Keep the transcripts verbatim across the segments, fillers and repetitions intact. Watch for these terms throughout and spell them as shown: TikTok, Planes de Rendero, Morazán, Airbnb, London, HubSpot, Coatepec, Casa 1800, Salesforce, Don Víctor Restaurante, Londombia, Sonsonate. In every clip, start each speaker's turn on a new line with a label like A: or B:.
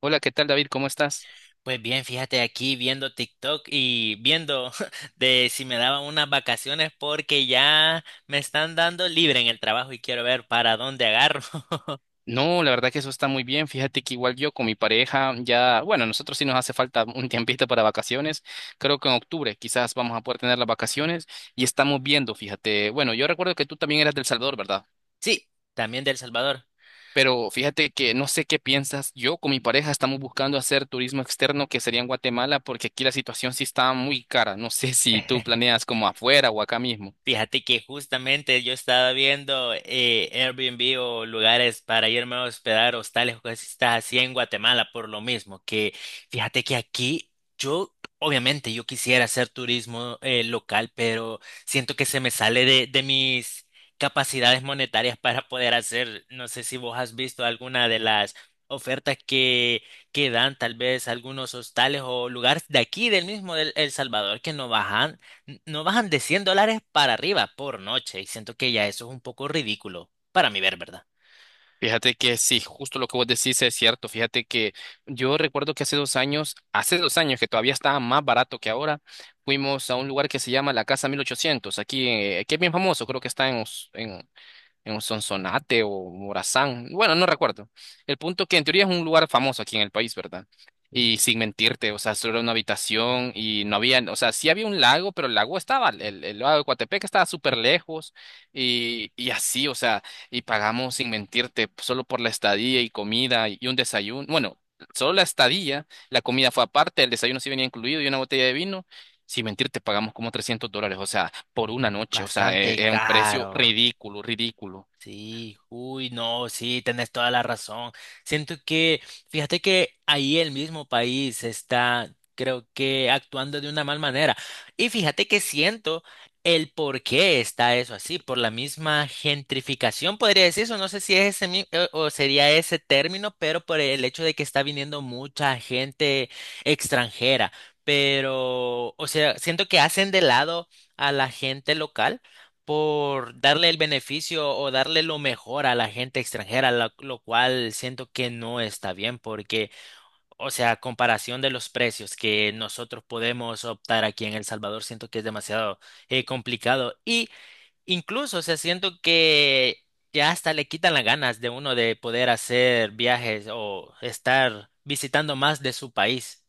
A: Hola, ¿qué tal, David? ¿Cómo estás?
B: Pues bien, fíjate aquí viendo TikTok y viendo de si me daban unas vacaciones porque ya me están dando libre en el trabajo y quiero ver para dónde agarro.
A: No, la verdad que eso está muy bien. Fíjate que igual yo con mi pareja ya, bueno, nosotros sí nos hace falta un tiempito para vacaciones. Creo que en octubre quizás vamos a poder tener las vacaciones y estamos viendo, fíjate. Bueno, yo recuerdo que tú también eras del Salvador, ¿verdad?
B: Sí, también de El Salvador.
A: Pero fíjate que no sé qué piensas. Yo con mi pareja estamos buscando hacer turismo externo que sería en Guatemala porque aquí la situación sí está muy cara. No sé si tú planeas como afuera o acá mismo.
B: Fíjate que justamente yo estaba viendo eh, Airbnb o lugares para irme a hospedar, hostales o cosas así en Guatemala por lo mismo, que fíjate que aquí yo, obviamente yo quisiera hacer turismo eh, local, pero siento que se me sale de, de mis capacidades monetarias para poder hacer, no sé si vos has visto alguna de las ofertas que, que dan tal vez algunos hostales o lugares de aquí, del mismo del El Salvador, que no bajan n- no bajan de cien dólares para arriba por noche y siento que ya eso es un poco ridículo para mi ver, ¿verdad?
A: Fíjate que sí, justo lo que vos decís es cierto. Fíjate que yo recuerdo que hace dos años, hace dos años que todavía estaba más barato que ahora, fuimos a un lugar que se llama la Casa mil ochocientos, aquí, eh, que es bien famoso, creo que está en, en un Sonsonate o Morazán, bueno, no recuerdo. El punto que en teoría es un lugar famoso aquí en el país, ¿verdad? Y sin mentirte, o sea, solo era una habitación y no había, o sea, sí había un lago, pero el lago estaba, el, el lago de Coatepec estaba súper lejos y, y así, o sea, y pagamos sin mentirte solo por la estadía y comida y un desayuno, bueno, solo la estadía, la comida fue aparte, el desayuno sí venía incluido y una botella de vino, sin mentirte pagamos como trescientos dólares, o sea, por una noche. O sea, es,
B: Bastante
A: es un precio
B: caro.
A: ridículo, ridículo.
B: Sí, uy, no, sí, tenés toda la razón. Siento que, fíjate que ahí el mismo país está, creo que, actuando de una mal manera. Y fíjate que siento el por qué está eso así, por la misma gentrificación, podría decir eso, no sé si es ese mi- eh, o sería ese término, pero por el hecho de que está viniendo mucha gente extranjera. Pero, o sea, siento que hacen de lado a la gente local por darle el beneficio o darle lo mejor a la gente extranjera, la- lo, cual siento que no está bien porque, o sea, a comparación de los precios que nosotros podemos optar aquí en El Salvador, siento que es demasiado eh, complicado y incluso, o sea, siento que ya hasta le quitan las ganas de uno de poder hacer viajes o estar visitando más de su país.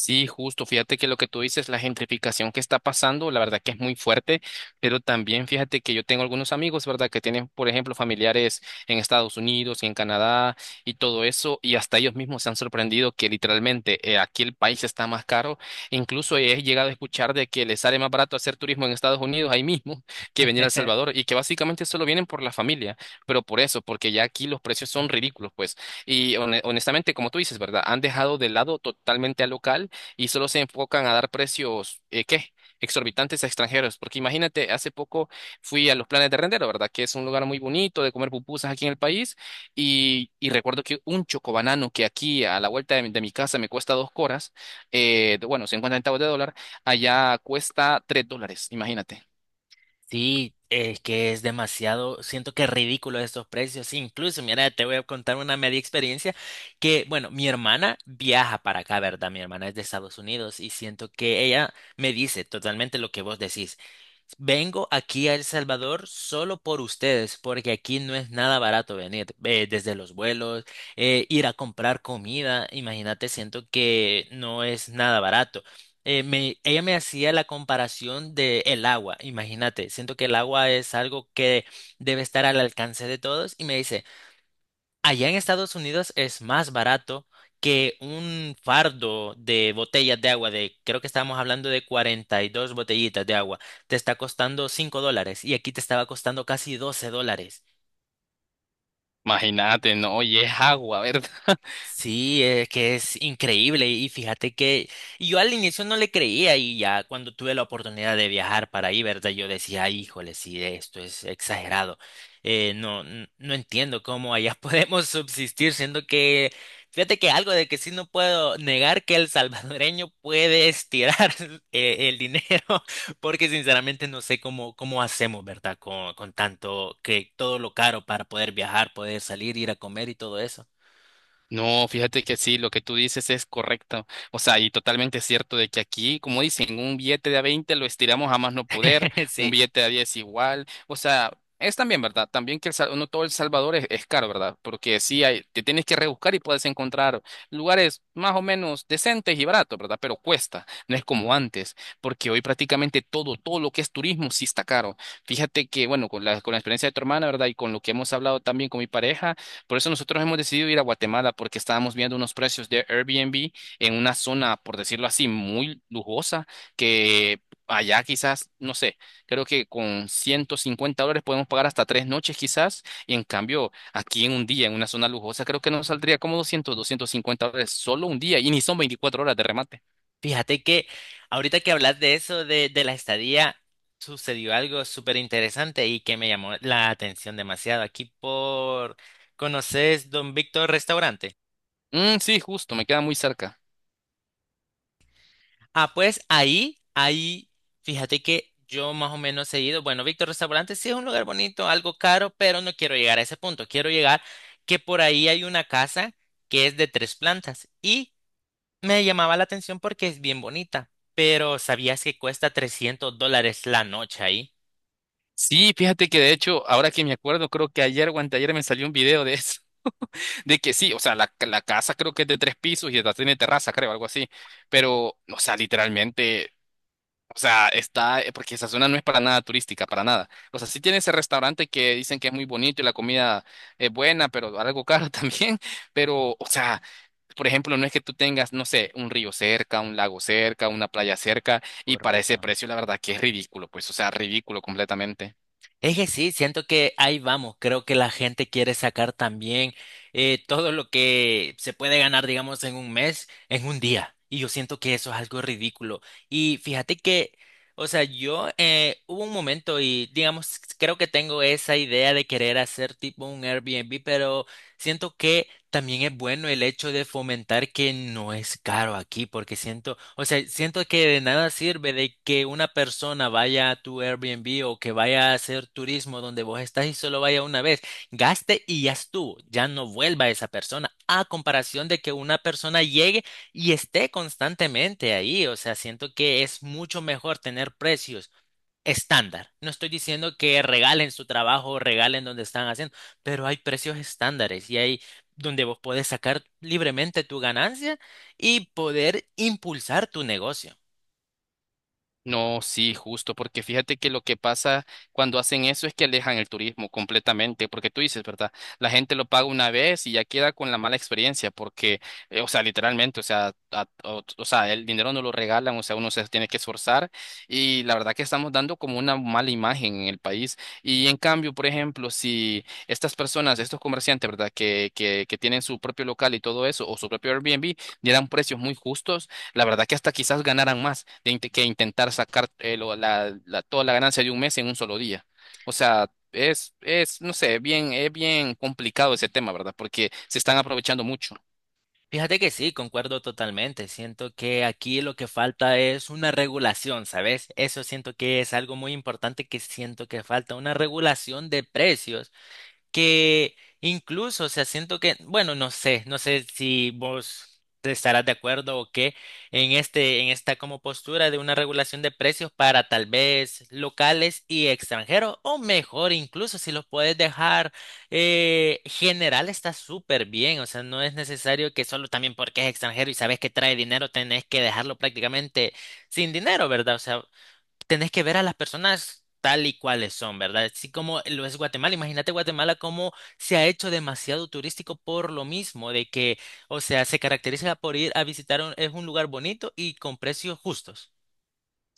A: Sí, justo. Fíjate que lo que tú dices, la gentrificación que está pasando, la verdad que es muy fuerte, pero también fíjate que yo tengo algunos amigos, ¿verdad? Que tienen, por ejemplo, familiares en Estados Unidos y en Canadá y todo eso, y hasta ellos mismos se han sorprendido que literalmente eh, aquí el país está más caro. Incluso he llegado a escuchar de que les sale más barato hacer turismo en Estados Unidos ahí mismo que venir a El Salvador y que básicamente solo vienen por la familia, pero por eso, porque ya aquí los precios son ridículos, pues. Y hone- honestamente, como tú dices, ¿verdad? Han dejado de lado totalmente al local y solo se enfocan a dar precios, eh, ¿qué? Exorbitantes a extranjeros, porque imagínate, hace poco fui a los Planes de Rendero, ¿verdad? Que es un lugar muy bonito de comer pupusas aquí en el país, y, y recuerdo que un chocobanano que aquí a la vuelta de mi, de mi casa me cuesta dos coras, eh, de- bueno, cincuenta centavos de dólar, allá cuesta tres dólares, imagínate.
B: Sí, es que es demasiado, siento que es ridículo estos precios. Incluso, mira, te voy a contar una media experiencia que, bueno, mi hermana viaja para acá, ¿verdad? Mi hermana es de Estados Unidos y siento que ella me dice totalmente lo que vos decís. Vengo aquí a El Salvador solo por ustedes, porque aquí no es nada barato venir, eh, desde los vuelos, eh, ir a comprar comida, imagínate, siento que no es nada barato. Eh, me- ella me hacía la comparación de el agua, imagínate, siento que el agua es algo que debe estar al alcance de todos y me dice, "Allá en Estados Unidos es más barato que un fardo de botellas de agua, de creo que estábamos hablando de cuarenta y dos botellitas de agua, te está costando cinco dólares y aquí te estaba costando casi doce dólares".
A: Imagínate, no, y es agua, ¿verdad?
B: Sí, es que es increíble y fíjate que y yo al inicio no le creía y ya cuando tuve la oportunidad de viajar para ahí, ¿verdad? Yo decía, "Ay, híjole, sí, esto es exagerado. Eh, no, n- no entiendo cómo allá podemos subsistir, siendo que, fíjate que algo de que sí no puedo negar que el salvadoreño puede estirar eh, el dinero, porque sinceramente no sé cómo, cómo hacemos, ¿verdad? Con, con tanto que todo lo caro para poder viajar, poder salir, ir a comer y todo eso.
A: No, fíjate que sí, lo que tú dices es correcto. O sea, y totalmente cierto de que aquí, como dicen, un billete de a veinte lo estiramos a más no poder, un
B: Sí.
A: billete de a diez igual. O sea, es también verdad, también que el, Sal- no todo El Salvador es, es caro, ¿verdad? Porque sí, hay, te tienes que rebuscar y puedes encontrar lugares más o menos decentes y baratos, ¿verdad? Pero cuesta, no es como antes, porque hoy prácticamente todo, todo lo que es turismo sí está caro. Fíjate que, bueno, con la, con la experiencia de tu hermana, ¿verdad? Y con lo que hemos hablado también con mi pareja. Por eso nosotros hemos decidido ir a Guatemala porque estábamos viendo unos precios de Airbnb en una zona, por decirlo así, muy lujosa, que allá quizás, no sé, creo que con ciento cincuenta dólares podemos pagar hasta tres noches quizás, y en cambio aquí en un día, en una zona lujosa, creo que nos saldría como doscientos, doscientos cincuenta dólares solo un día, y ni son veinticuatro horas de remate.
B: Fíjate que ahorita que hablas de eso, de, de la estadía, sucedió algo súper interesante y que me llamó la atención demasiado. Aquí por... ¿Conoces Don Víctor Restaurante?
A: Mm, sí, justo, me queda muy cerca.
B: Ah, pues ahí, ahí, fíjate que yo más o menos he ido. Bueno, Víctor Restaurante sí es un lugar bonito, algo caro, pero no quiero llegar a ese punto. Quiero llegar que por ahí hay una casa que es de tres plantas y me llamaba la atención porque es bien bonita, pero ¿sabías que cuesta trescientos dólares la noche ahí?
A: Sí, fíjate que de hecho, ahora que me acuerdo, creo que ayer o anteayer me salió un video de eso. De que sí, o sea, la, la casa creo que es de tres pisos y hasta tiene terraza, creo, algo así. Pero, o sea, literalmente, o sea, está, eh, porque esa zona no es para nada turística, para nada. O sea, sí tiene ese restaurante que dicen que es muy bonito y la comida es buena, pero algo caro también. Pero, o sea, por ejemplo, no es que tú tengas, no sé, un río cerca, un lago cerca, una playa cerca, y para ese
B: Correcto.
A: precio, la verdad que es ridículo, pues, o sea, ridículo completamente.
B: Es que sí, siento que ahí vamos. Creo que la gente quiere sacar también eh, todo lo que se puede ganar, digamos, en un mes, en un día. Y yo siento que eso es algo ridículo. Y fíjate que, o sea, yo eh, hubo un momento y, digamos, creo que tengo esa idea de querer hacer tipo un Airbnb, pero siento que también es bueno el hecho de fomentar que no es caro aquí, porque siento, o sea, siento que de nada sirve de que una persona vaya a tu Airbnb o que vaya a hacer turismo donde vos estás y solo vaya una vez, gaste y ya estuvo, ya no vuelva esa persona, a comparación de que una persona llegue y esté constantemente ahí, o sea, siento que es mucho mejor tener precios estándar. No estoy diciendo que regalen su trabajo, regalen donde están haciendo, pero hay precios estándares y hay donde vos podés sacar libremente tu ganancia y poder impulsar tu negocio.
A: No, sí, justo, porque fíjate que lo que pasa cuando hacen eso es que alejan el turismo completamente, porque tú dices, ¿verdad? La gente lo paga una vez y ya queda con la mala experiencia, porque, eh, o sea, literalmente, o sea, a- o, o sea, el dinero no lo regalan, o sea, uno se tiene que esforzar y la verdad que estamos dando como una mala imagen en el país. Y en cambio, por ejemplo, si estas personas, estos comerciantes, ¿verdad? Que, que, que tienen su propio local y todo eso, o su propio Airbnb, dieran precios muy justos la verdad que hasta quizás ganaran más de int- que intentar sacar eh, lo- la, la- toda la ganancia de un mes en un solo día. O sea, es, es, no sé, bien, es bien complicado ese tema, ¿verdad? Porque se están aprovechando mucho.
B: Fíjate que sí, concuerdo totalmente. Siento que aquí lo que falta es una regulación, ¿sabes? Eso siento que es algo muy importante que siento que falta, una regulación de precios que incluso, o sea, siento que, bueno, no sé, no sé, si vos te estarás de acuerdo o qué en este, en esta como postura de una regulación de precios para tal vez locales y extranjeros, o mejor, incluso si los puedes dejar eh, general está súper bien, o sea, no es necesario que solo también porque es extranjero y sabes que trae dinero tenés que dejarlo prácticamente sin dinero, ¿verdad? O sea, tenés que ver a las personas tal y cuales son, ¿verdad? Así como lo es Guatemala. Imagínate Guatemala como se ha hecho demasiado turístico por lo mismo, de que, o sea, se caracteriza por ir a visitar un, es un lugar bonito y con precios justos.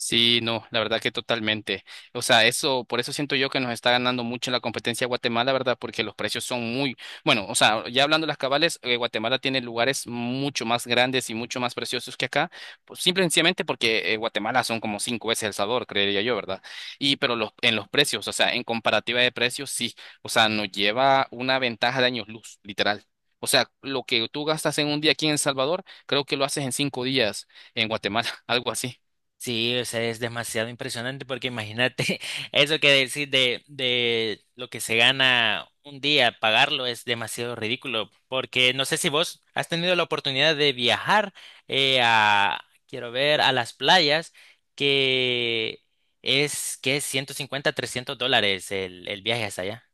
A: Sí, no, la verdad que totalmente. O sea, eso, por eso siento yo que nos está ganando mucho la competencia Guatemala, ¿verdad? Porque los precios son muy, bueno, o sea, ya hablando de las cabales, eh, Guatemala tiene lugares mucho más grandes y mucho más preciosos que acá, pues, simple y sencillamente porque eh, Guatemala son como cinco veces El Salvador, creería yo, ¿verdad? Y pero los, en los precios, o sea, en comparativa de precios, sí, o sea, nos lleva una ventaja de años luz, literal. O sea, lo que tú gastas en un día aquí en El Salvador, creo que lo haces en cinco días en Guatemala, algo así.
B: Sí, o sea, es demasiado impresionante porque imagínate eso que decir de, de lo que se gana un día, pagarlo es demasiado ridículo porque no sé si vos has tenido la oportunidad de viajar eh, a, quiero ver, a las playas que es que es ciento cincuenta trescientos dólares el, el viaje hasta allá.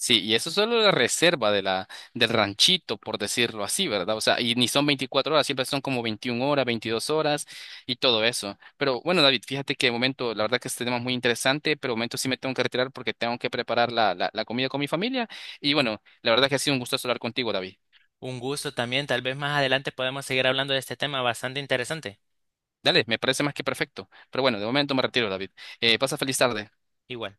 A: Sí, y eso es solo la reserva de la, del ranchito, por decirlo así, ¿verdad? O sea, y ni son veinticuatro horas, siempre son como veintiuna horas, veintidós horas y todo eso. Pero bueno, David, fíjate que de momento, la verdad que este tema es muy interesante, pero de momento sí me tengo que retirar porque tengo que preparar la, la, la comida con mi familia. Y bueno, la verdad que ha sido un gusto hablar contigo, David.
B: Un gusto también, tal vez más adelante podemos seguir hablando de este tema bastante interesante.
A: Dale, me parece más que perfecto. Pero bueno, de momento me retiro, David. Eh, pasa feliz tarde.
B: Igual.